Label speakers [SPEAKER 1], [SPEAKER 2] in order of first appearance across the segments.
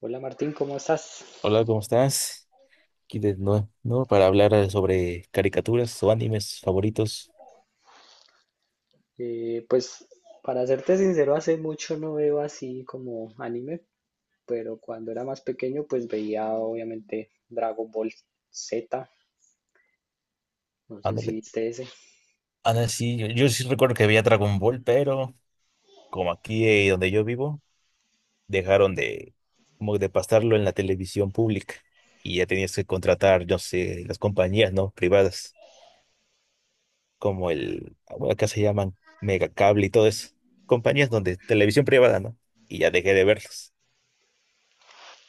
[SPEAKER 1] Hola Martín, ¿cómo estás?
[SPEAKER 2] Hola, ¿cómo estás? Aquí de nuevo, ¿no? Para hablar sobre caricaturas o animes favoritos.
[SPEAKER 1] Pues para serte sincero, hace mucho no veo así como anime, pero cuando era más pequeño pues veía obviamente Dragon Ball Z, no sé si
[SPEAKER 2] Ándale.
[SPEAKER 1] viste ese.
[SPEAKER 2] Ándale, sí, yo sí recuerdo que veía Dragon Ball, pero como aquí donde yo vivo, dejaron de, como de pasarlo en la televisión pública y ya tenías que contratar, yo sé, las compañías, ¿no? Privadas, como el, bueno, acá se llaman Megacable y todo eso. Compañías donde televisión privada, ¿no? Y ya dejé de verlas.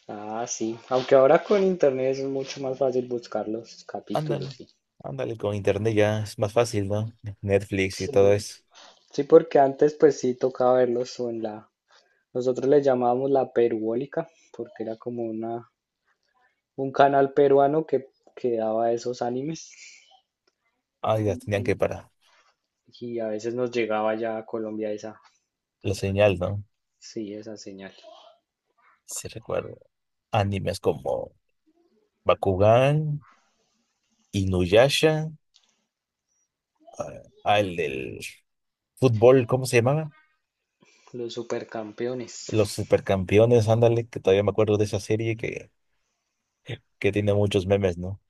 [SPEAKER 1] Ah, sí, aunque ahora con internet es mucho más fácil buscar los capítulos,
[SPEAKER 2] Ándale,
[SPEAKER 1] sí.
[SPEAKER 2] ándale, con internet ya es más fácil, ¿no? Netflix y todo
[SPEAKER 1] Sí,
[SPEAKER 2] eso.
[SPEAKER 1] sí, porque antes pues sí tocaba verlos o en la, nosotros le llamábamos la Peruólica, porque era como una, un canal peruano que daba esos animes.
[SPEAKER 2] Ay, las tenían que para
[SPEAKER 1] Y a veces nos llegaba ya a Colombia esa,
[SPEAKER 2] la señal, ¿no?
[SPEAKER 1] sí, esa señal.
[SPEAKER 2] Si recuerdo. Animes como Bakugan, Inuyasha, el del fútbol, ¿cómo se llamaba?
[SPEAKER 1] Los supercampeones.
[SPEAKER 2] Los supercampeones, ándale, que todavía me acuerdo de esa serie que tiene muchos memes, ¿no?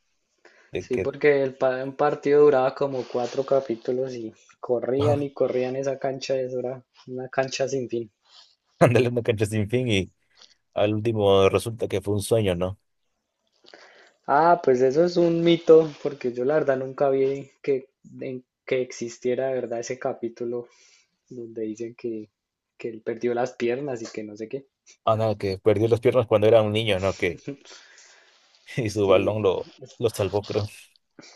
[SPEAKER 2] De
[SPEAKER 1] Sí,
[SPEAKER 2] que,
[SPEAKER 1] porque el un partido duraba como cuatro capítulos y corrían esa cancha, eso era una cancha sin fin.
[SPEAKER 2] ándale, una cancha sin fin y al último resulta que fue un sueño, ¿no?
[SPEAKER 1] Ah, pues eso es un mito, porque yo la verdad nunca vi que existiera de verdad ese capítulo donde dicen que él perdió las piernas y que no sé qué.
[SPEAKER 2] Ándale, que perdió las piernas cuando era un niño, ¿no? Que, y su
[SPEAKER 1] Sí,
[SPEAKER 2] balón lo salvó, creo.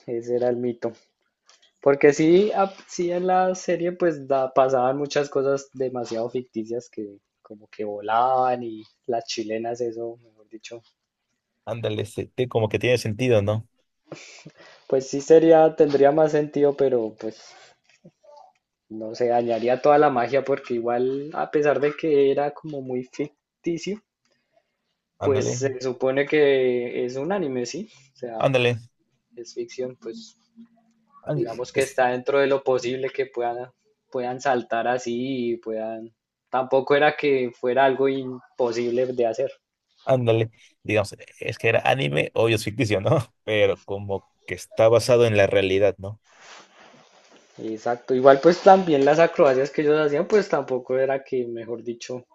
[SPEAKER 1] ese era el mito. Porque sí, sí en la serie pues pasaban muchas cosas demasiado ficticias que como que volaban y las chilenas eso, mejor dicho.
[SPEAKER 2] Ándale, se- te- como que tiene sentido, ¿no?
[SPEAKER 1] Pues sí sería, tendría más sentido, pero pues no se dañaría toda la magia porque igual a pesar de que era como muy ficticio, pues
[SPEAKER 2] Ándale,
[SPEAKER 1] se supone que es un anime, ¿sí? O sea,
[SPEAKER 2] ándale.
[SPEAKER 1] es ficción, pues
[SPEAKER 2] Ándale,
[SPEAKER 1] digamos que
[SPEAKER 2] es-
[SPEAKER 1] está dentro de lo posible que puedan saltar así y tampoco era que fuera algo imposible de hacer.
[SPEAKER 2] ándale, digamos, es que era anime, obvio es ficticio, ¿no? Pero como que está basado en la realidad, ¿no?
[SPEAKER 1] Exacto, igual pues también las acrobacias que ellos hacían pues tampoco era mejor dicho,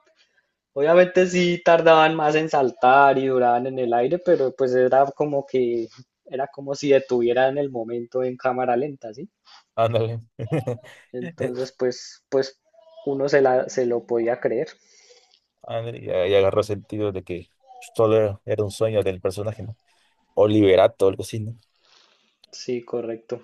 [SPEAKER 1] obviamente sí tardaban más en saltar y duraban en el aire, pero pues era como si detuvieran el momento en cámara lenta, ¿sí?
[SPEAKER 2] Ándale. Eh,
[SPEAKER 1] Entonces pues se lo podía creer.
[SPEAKER 2] ándale, y ahí agarró sentido de que todo era un sueño del personaje, ¿no? O Liberato, algo así, ¿no?
[SPEAKER 1] Sí, correcto.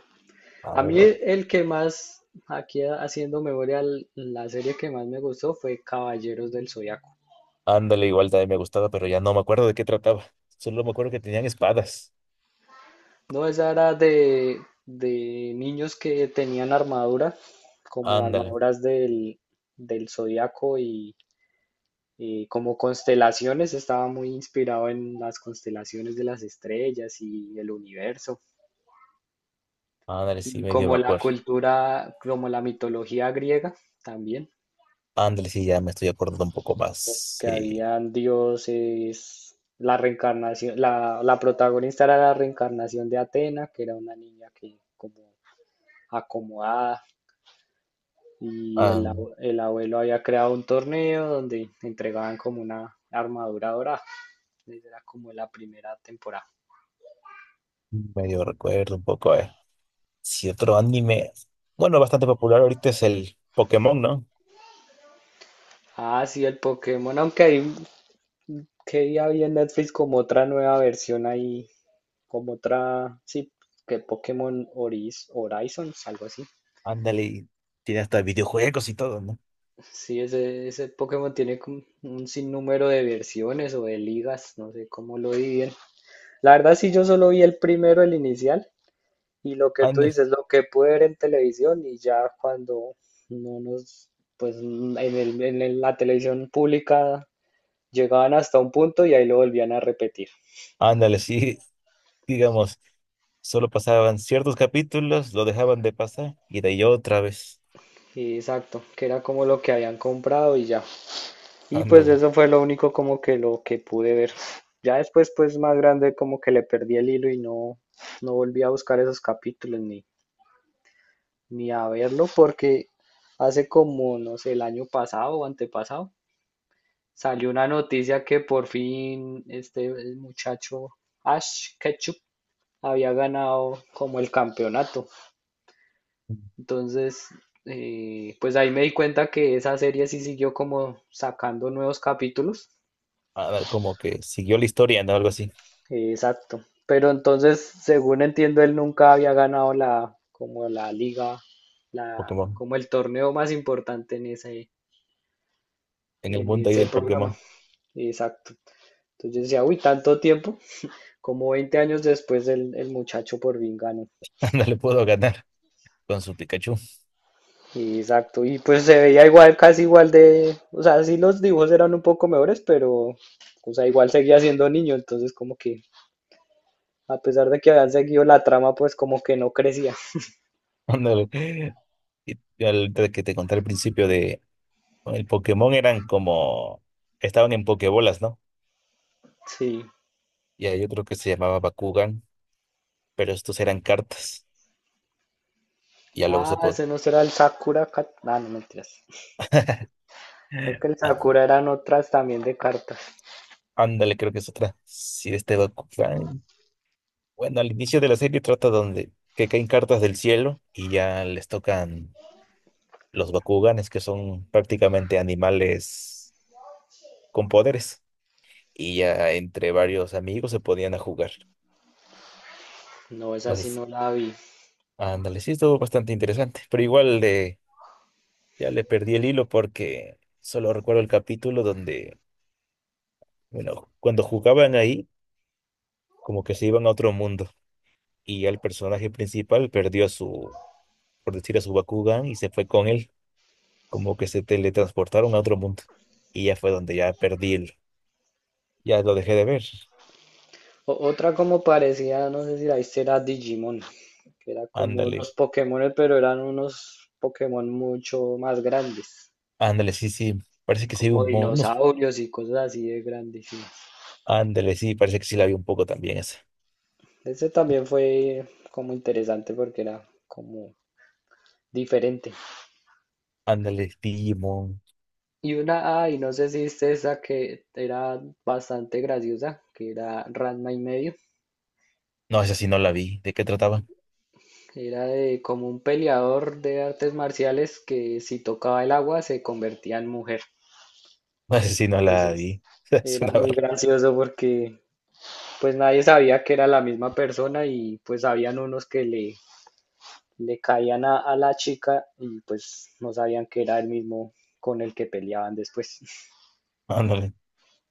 [SPEAKER 2] A
[SPEAKER 1] A
[SPEAKER 2] ver,
[SPEAKER 1] mí
[SPEAKER 2] o-
[SPEAKER 1] el que más, aquí haciendo memoria, la serie que más me gustó fue Caballeros del Zodiaco.
[SPEAKER 2] ándale, igual también me gustaba, pero ya no me acuerdo de qué trataba. Solo me acuerdo que tenían espadas.
[SPEAKER 1] No, esa era de niños que tenían armadura, como
[SPEAKER 2] Ándale,
[SPEAKER 1] armaduras del Zodiaco y como constelaciones, estaba muy inspirado en las constelaciones de las estrellas y el universo,
[SPEAKER 2] ándale, sí,
[SPEAKER 1] y
[SPEAKER 2] medio
[SPEAKER 1] como
[SPEAKER 2] me
[SPEAKER 1] la
[SPEAKER 2] acuerdo.
[SPEAKER 1] cultura, como la mitología griega también.
[SPEAKER 2] Ándale, sí, ya me estoy acordando un poco más.
[SPEAKER 1] Que
[SPEAKER 2] Sí,
[SPEAKER 1] habían dioses, la reencarnación, la protagonista era la reencarnación de Atena, que era una niña que como acomodada, y
[SPEAKER 2] ándale,
[SPEAKER 1] el abuelo había creado un torneo donde entregaban como una armadura dorada. Esa era como la primera temporada.
[SPEAKER 2] medio recuerdo un poco. Si otro anime, bueno, bastante popular ahorita es el Pokémon, ¿no?
[SPEAKER 1] Ah, sí, el Pokémon, que día había en Netflix como otra nueva versión ahí, como otra, sí, que Pokémon Oris, Horizons, algo así.
[SPEAKER 2] Ándale, y tiene hasta videojuegos y todo, ¿no?
[SPEAKER 1] Sí, ese Pokémon tiene como un sinnúmero de versiones o de ligas, no sé cómo lo dividen. La verdad, sí, yo solo vi el primero, el inicial, y lo que tú
[SPEAKER 2] Ándale,
[SPEAKER 1] dices, lo que pude ver en televisión, y ya cuando no nos, pues la televisión pública llegaban hasta un punto y ahí lo volvían a repetir.
[SPEAKER 2] ándale, sí, digamos, solo pasaban ciertos capítulos, lo dejaban de pasar y de ahí otra vez.
[SPEAKER 1] Y exacto, que era como lo que habían comprado y ya. Y pues
[SPEAKER 2] Ándale,
[SPEAKER 1] eso fue lo único como que lo que pude ver. Ya después, pues más grande, como que le perdí el hilo y no volví a buscar esos capítulos ni a verlo porque hace como, no sé, el año pasado o antepasado, salió una noticia que por fin este el muchacho Ash Ketchum había ganado como el campeonato. Entonces, pues ahí me di cuenta que esa serie sí siguió como sacando nuevos capítulos.
[SPEAKER 2] ándale, como que siguió la historia, ¿no? Algo así,
[SPEAKER 1] Exacto. Pero entonces, según entiendo, él nunca había ganado como la liga,
[SPEAKER 2] Pokémon.
[SPEAKER 1] como el torneo más importante
[SPEAKER 2] En el
[SPEAKER 1] en
[SPEAKER 2] mundo ahí
[SPEAKER 1] ese
[SPEAKER 2] del
[SPEAKER 1] programa.
[SPEAKER 2] Pokémon,
[SPEAKER 1] Exacto. Entonces yo decía, uy, tanto tiempo, como 20 años después el muchacho por fin ganó.
[SPEAKER 2] ándale, puedo ganar con su Pikachu.
[SPEAKER 1] Exacto. Y pues se veía igual, casi igual de, o sea, sí los dibujos eran un poco mejores, pero, o sea, igual seguía siendo niño, entonces como que, a pesar de que habían seguido la trama, pues como que no crecía.
[SPEAKER 2] Ándale. Y al que te conté al principio de, el Pokémon eran como, estaban en Pokébolas, ¿no?
[SPEAKER 1] Sí.
[SPEAKER 2] Y hay otro que se llamaba Bakugan, pero estos eran cartas. Y ya luego se
[SPEAKER 1] Ah,
[SPEAKER 2] puede.
[SPEAKER 1] ese no será el Sakura Card. Ah, no mentiras. Creo que el Sakura eran otras también de cartas.
[SPEAKER 2] Ándale, creo que es otra. Sí, este Bakugan. Bueno, al inicio de la serie trata donde que caen cartas del cielo y ya les tocan los Bakuganes, que son prácticamente animales con poderes. Y ya entre varios amigos se podían a jugar.
[SPEAKER 1] No, esa sí
[SPEAKER 2] Entonces,
[SPEAKER 1] no la vi.
[SPEAKER 2] ándale, sí, estuvo bastante interesante. Pero igual de, ya le perdí el hilo porque solo recuerdo el capítulo donde, bueno, cuando jugaban ahí, como que se iban a otro mundo. Y el personaje principal perdió a su, por decir, a su Bakugan y se fue con él, como que se teletransportaron a otro mundo. Y ya fue donde ya perdí el, ya lo dejé de ver.
[SPEAKER 1] Otra como parecía, no sé si la viste, era Digimon, que era como
[SPEAKER 2] Ándale,
[SPEAKER 1] los Pokémon, pero eran unos Pokémon mucho más grandes,
[SPEAKER 2] ándale, sí, parece que sí, vi
[SPEAKER 1] como
[SPEAKER 2] un, mo- unos,
[SPEAKER 1] dinosaurios y cosas así de grandísimas.
[SPEAKER 2] ándale, sí, parece que sí la vi un poco también esa.
[SPEAKER 1] Ese también fue como interesante porque era como diferente.
[SPEAKER 2] Ándale, Digimon.
[SPEAKER 1] Y una, ay, no sé si viste esa que era bastante graciosa, que era Ranma y medio.
[SPEAKER 2] No, esa sí no la vi. ¿De qué trataba?
[SPEAKER 1] Que era de como un peleador de artes marciales que si tocaba el agua se convertía en mujer.
[SPEAKER 2] No, esa sí no la
[SPEAKER 1] Entonces
[SPEAKER 2] vi. Es
[SPEAKER 1] era
[SPEAKER 2] una
[SPEAKER 1] muy
[SPEAKER 2] ver.
[SPEAKER 1] gracioso porque pues nadie sabía que era la misma persona y pues habían unos que le caían a la chica y pues no sabían que era el mismo con el que peleaban después.
[SPEAKER 2] Ándale.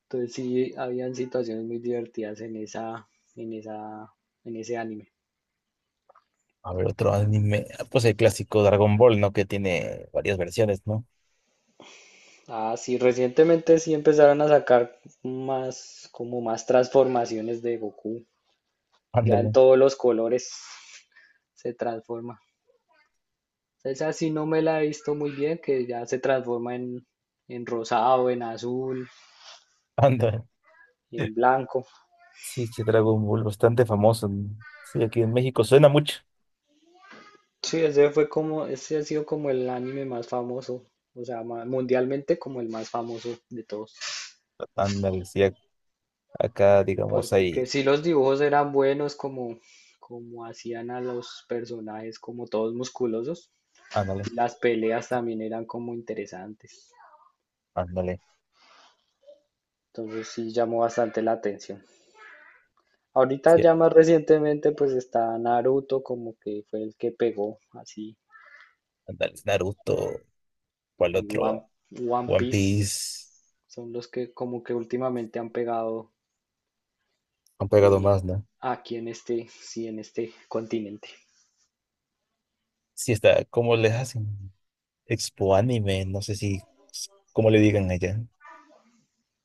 [SPEAKER 1] Entonces sí, habían situaciones muy divertidas en en esa, en ese anime.
[SPEAKER 2] A ver, otro anime. Ah, pues el clásico Dragon Ball, ¿no? Que tiene varias versiones, ¿no?
[SPEAKER 1] Ah, sí, recientemente sí empezaron a sacar más, como más transformaciones de Goku. Ya en
[SPEAKER 2] Ándale,
[SPEAKER 1] todos los colores se transforma. Esa sí no me la he visto muy bien, que ya se transforma en rosado, en azul,
[SPEAKER 2] ándale.
[SPEAKER 1] en blanco.
[SPEAKER 2] Sí, sí, Dragon Ball, bastante famoso, ¿no? Sí, aquí en México suena mucho.
[SPEAKER 1] Sí, ese fue como, ese ha sido como el anime más famoso, o sea, mundialmente como el más famoso de todos.
[SPEAKER 2] Ándale, sí, ac- acá, digamos,
[SPEAKER 1] Porque
[SPEAKER 2] hay.
[SPEAKER 1] sí los dibujos eran buenos, como, como hacían a los personajes, como todos musculosos.
[SPEAKER 2] Ándale,
[SPEAKER 1] Las peleas también eran como interesantes.
[SPEAKER 2] ándale.
[SPEAKER 1] Entonces sí llamó bastante la atención. Ahorita
[SPEAKER 2] Sí,
[SPEAKER 1] ya más recientemente pues está Naruto como que fue el que pegó así
[SPEAKER 2] ándale, Naruto, ¿cuál
[SPEAKER 1] y
[SPEAKER 2] otro?
[SPEAKER 1] One
[SPEAKER 2] One
[SPEAKER 1] Piece
[SPEAKER 2] Piece.
[SPEAKER 1] son los que como que últimamente han pegado
[SPEAKER 2] Han pegado
[SPEAKER 1] eh,
[SPEAKER 2] más, ¿no?
[SPEAKER 1] sí, en este continente.
[SPEAKER 2] Sí, está. ¿Cómo les hacen? Expo Anime, no sé si. ¿Cómo le digan allá?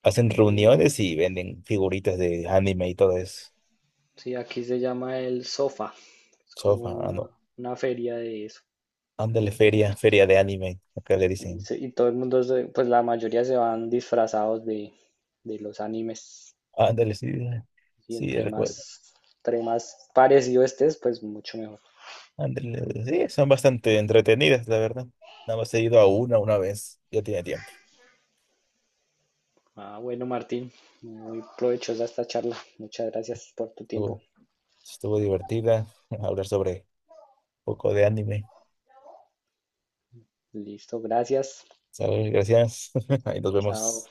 [SPEAKER 2] Hacen
[SPEAKER 1] Eh,
[SPEAKER 2] reuniones y venden figuritas de anime y todo eso.
[SPEAKER 1] sí, aquí se llama el Sofa, es como
[SPEAKER 2] Sofa, ah, no.
[SPEAKER 1] una feria de eso.
[SPEAKER 2] Ándale, feria, feria de anime. Acá le dicen.
[SPEAKER 1] Y todo el mundo, pues la mayoría se van disfrazados de los animes.
[SPEAKER 2] Ándale, sí.
[SPEAKER 1] Y
[SPEAKER 2] Sí, recuerdo.
[SPEAKER 1] entre más parecido estés, pues mucho mejor.
[SPEAKER 2] Ándale, sí, son bastante entretenidas, la verdad. Nada más he ido a una vez, ya tiene tiempo.
[SPEAKER 1] Ah, bueno, Martín, muy provechosa esta charla. Muchas gracias por tu tiempo.
[SPEAKER 2] Estuvo, estuvo divertida hablar sobre un poco de anime.
[SPEAKER 1] Listo, gracias.
[SPEAKER 2] ¿Sabes? Gracias. Ahí nos
[SPEAKER 1] Chao.
[SPEAKER 2] vemos.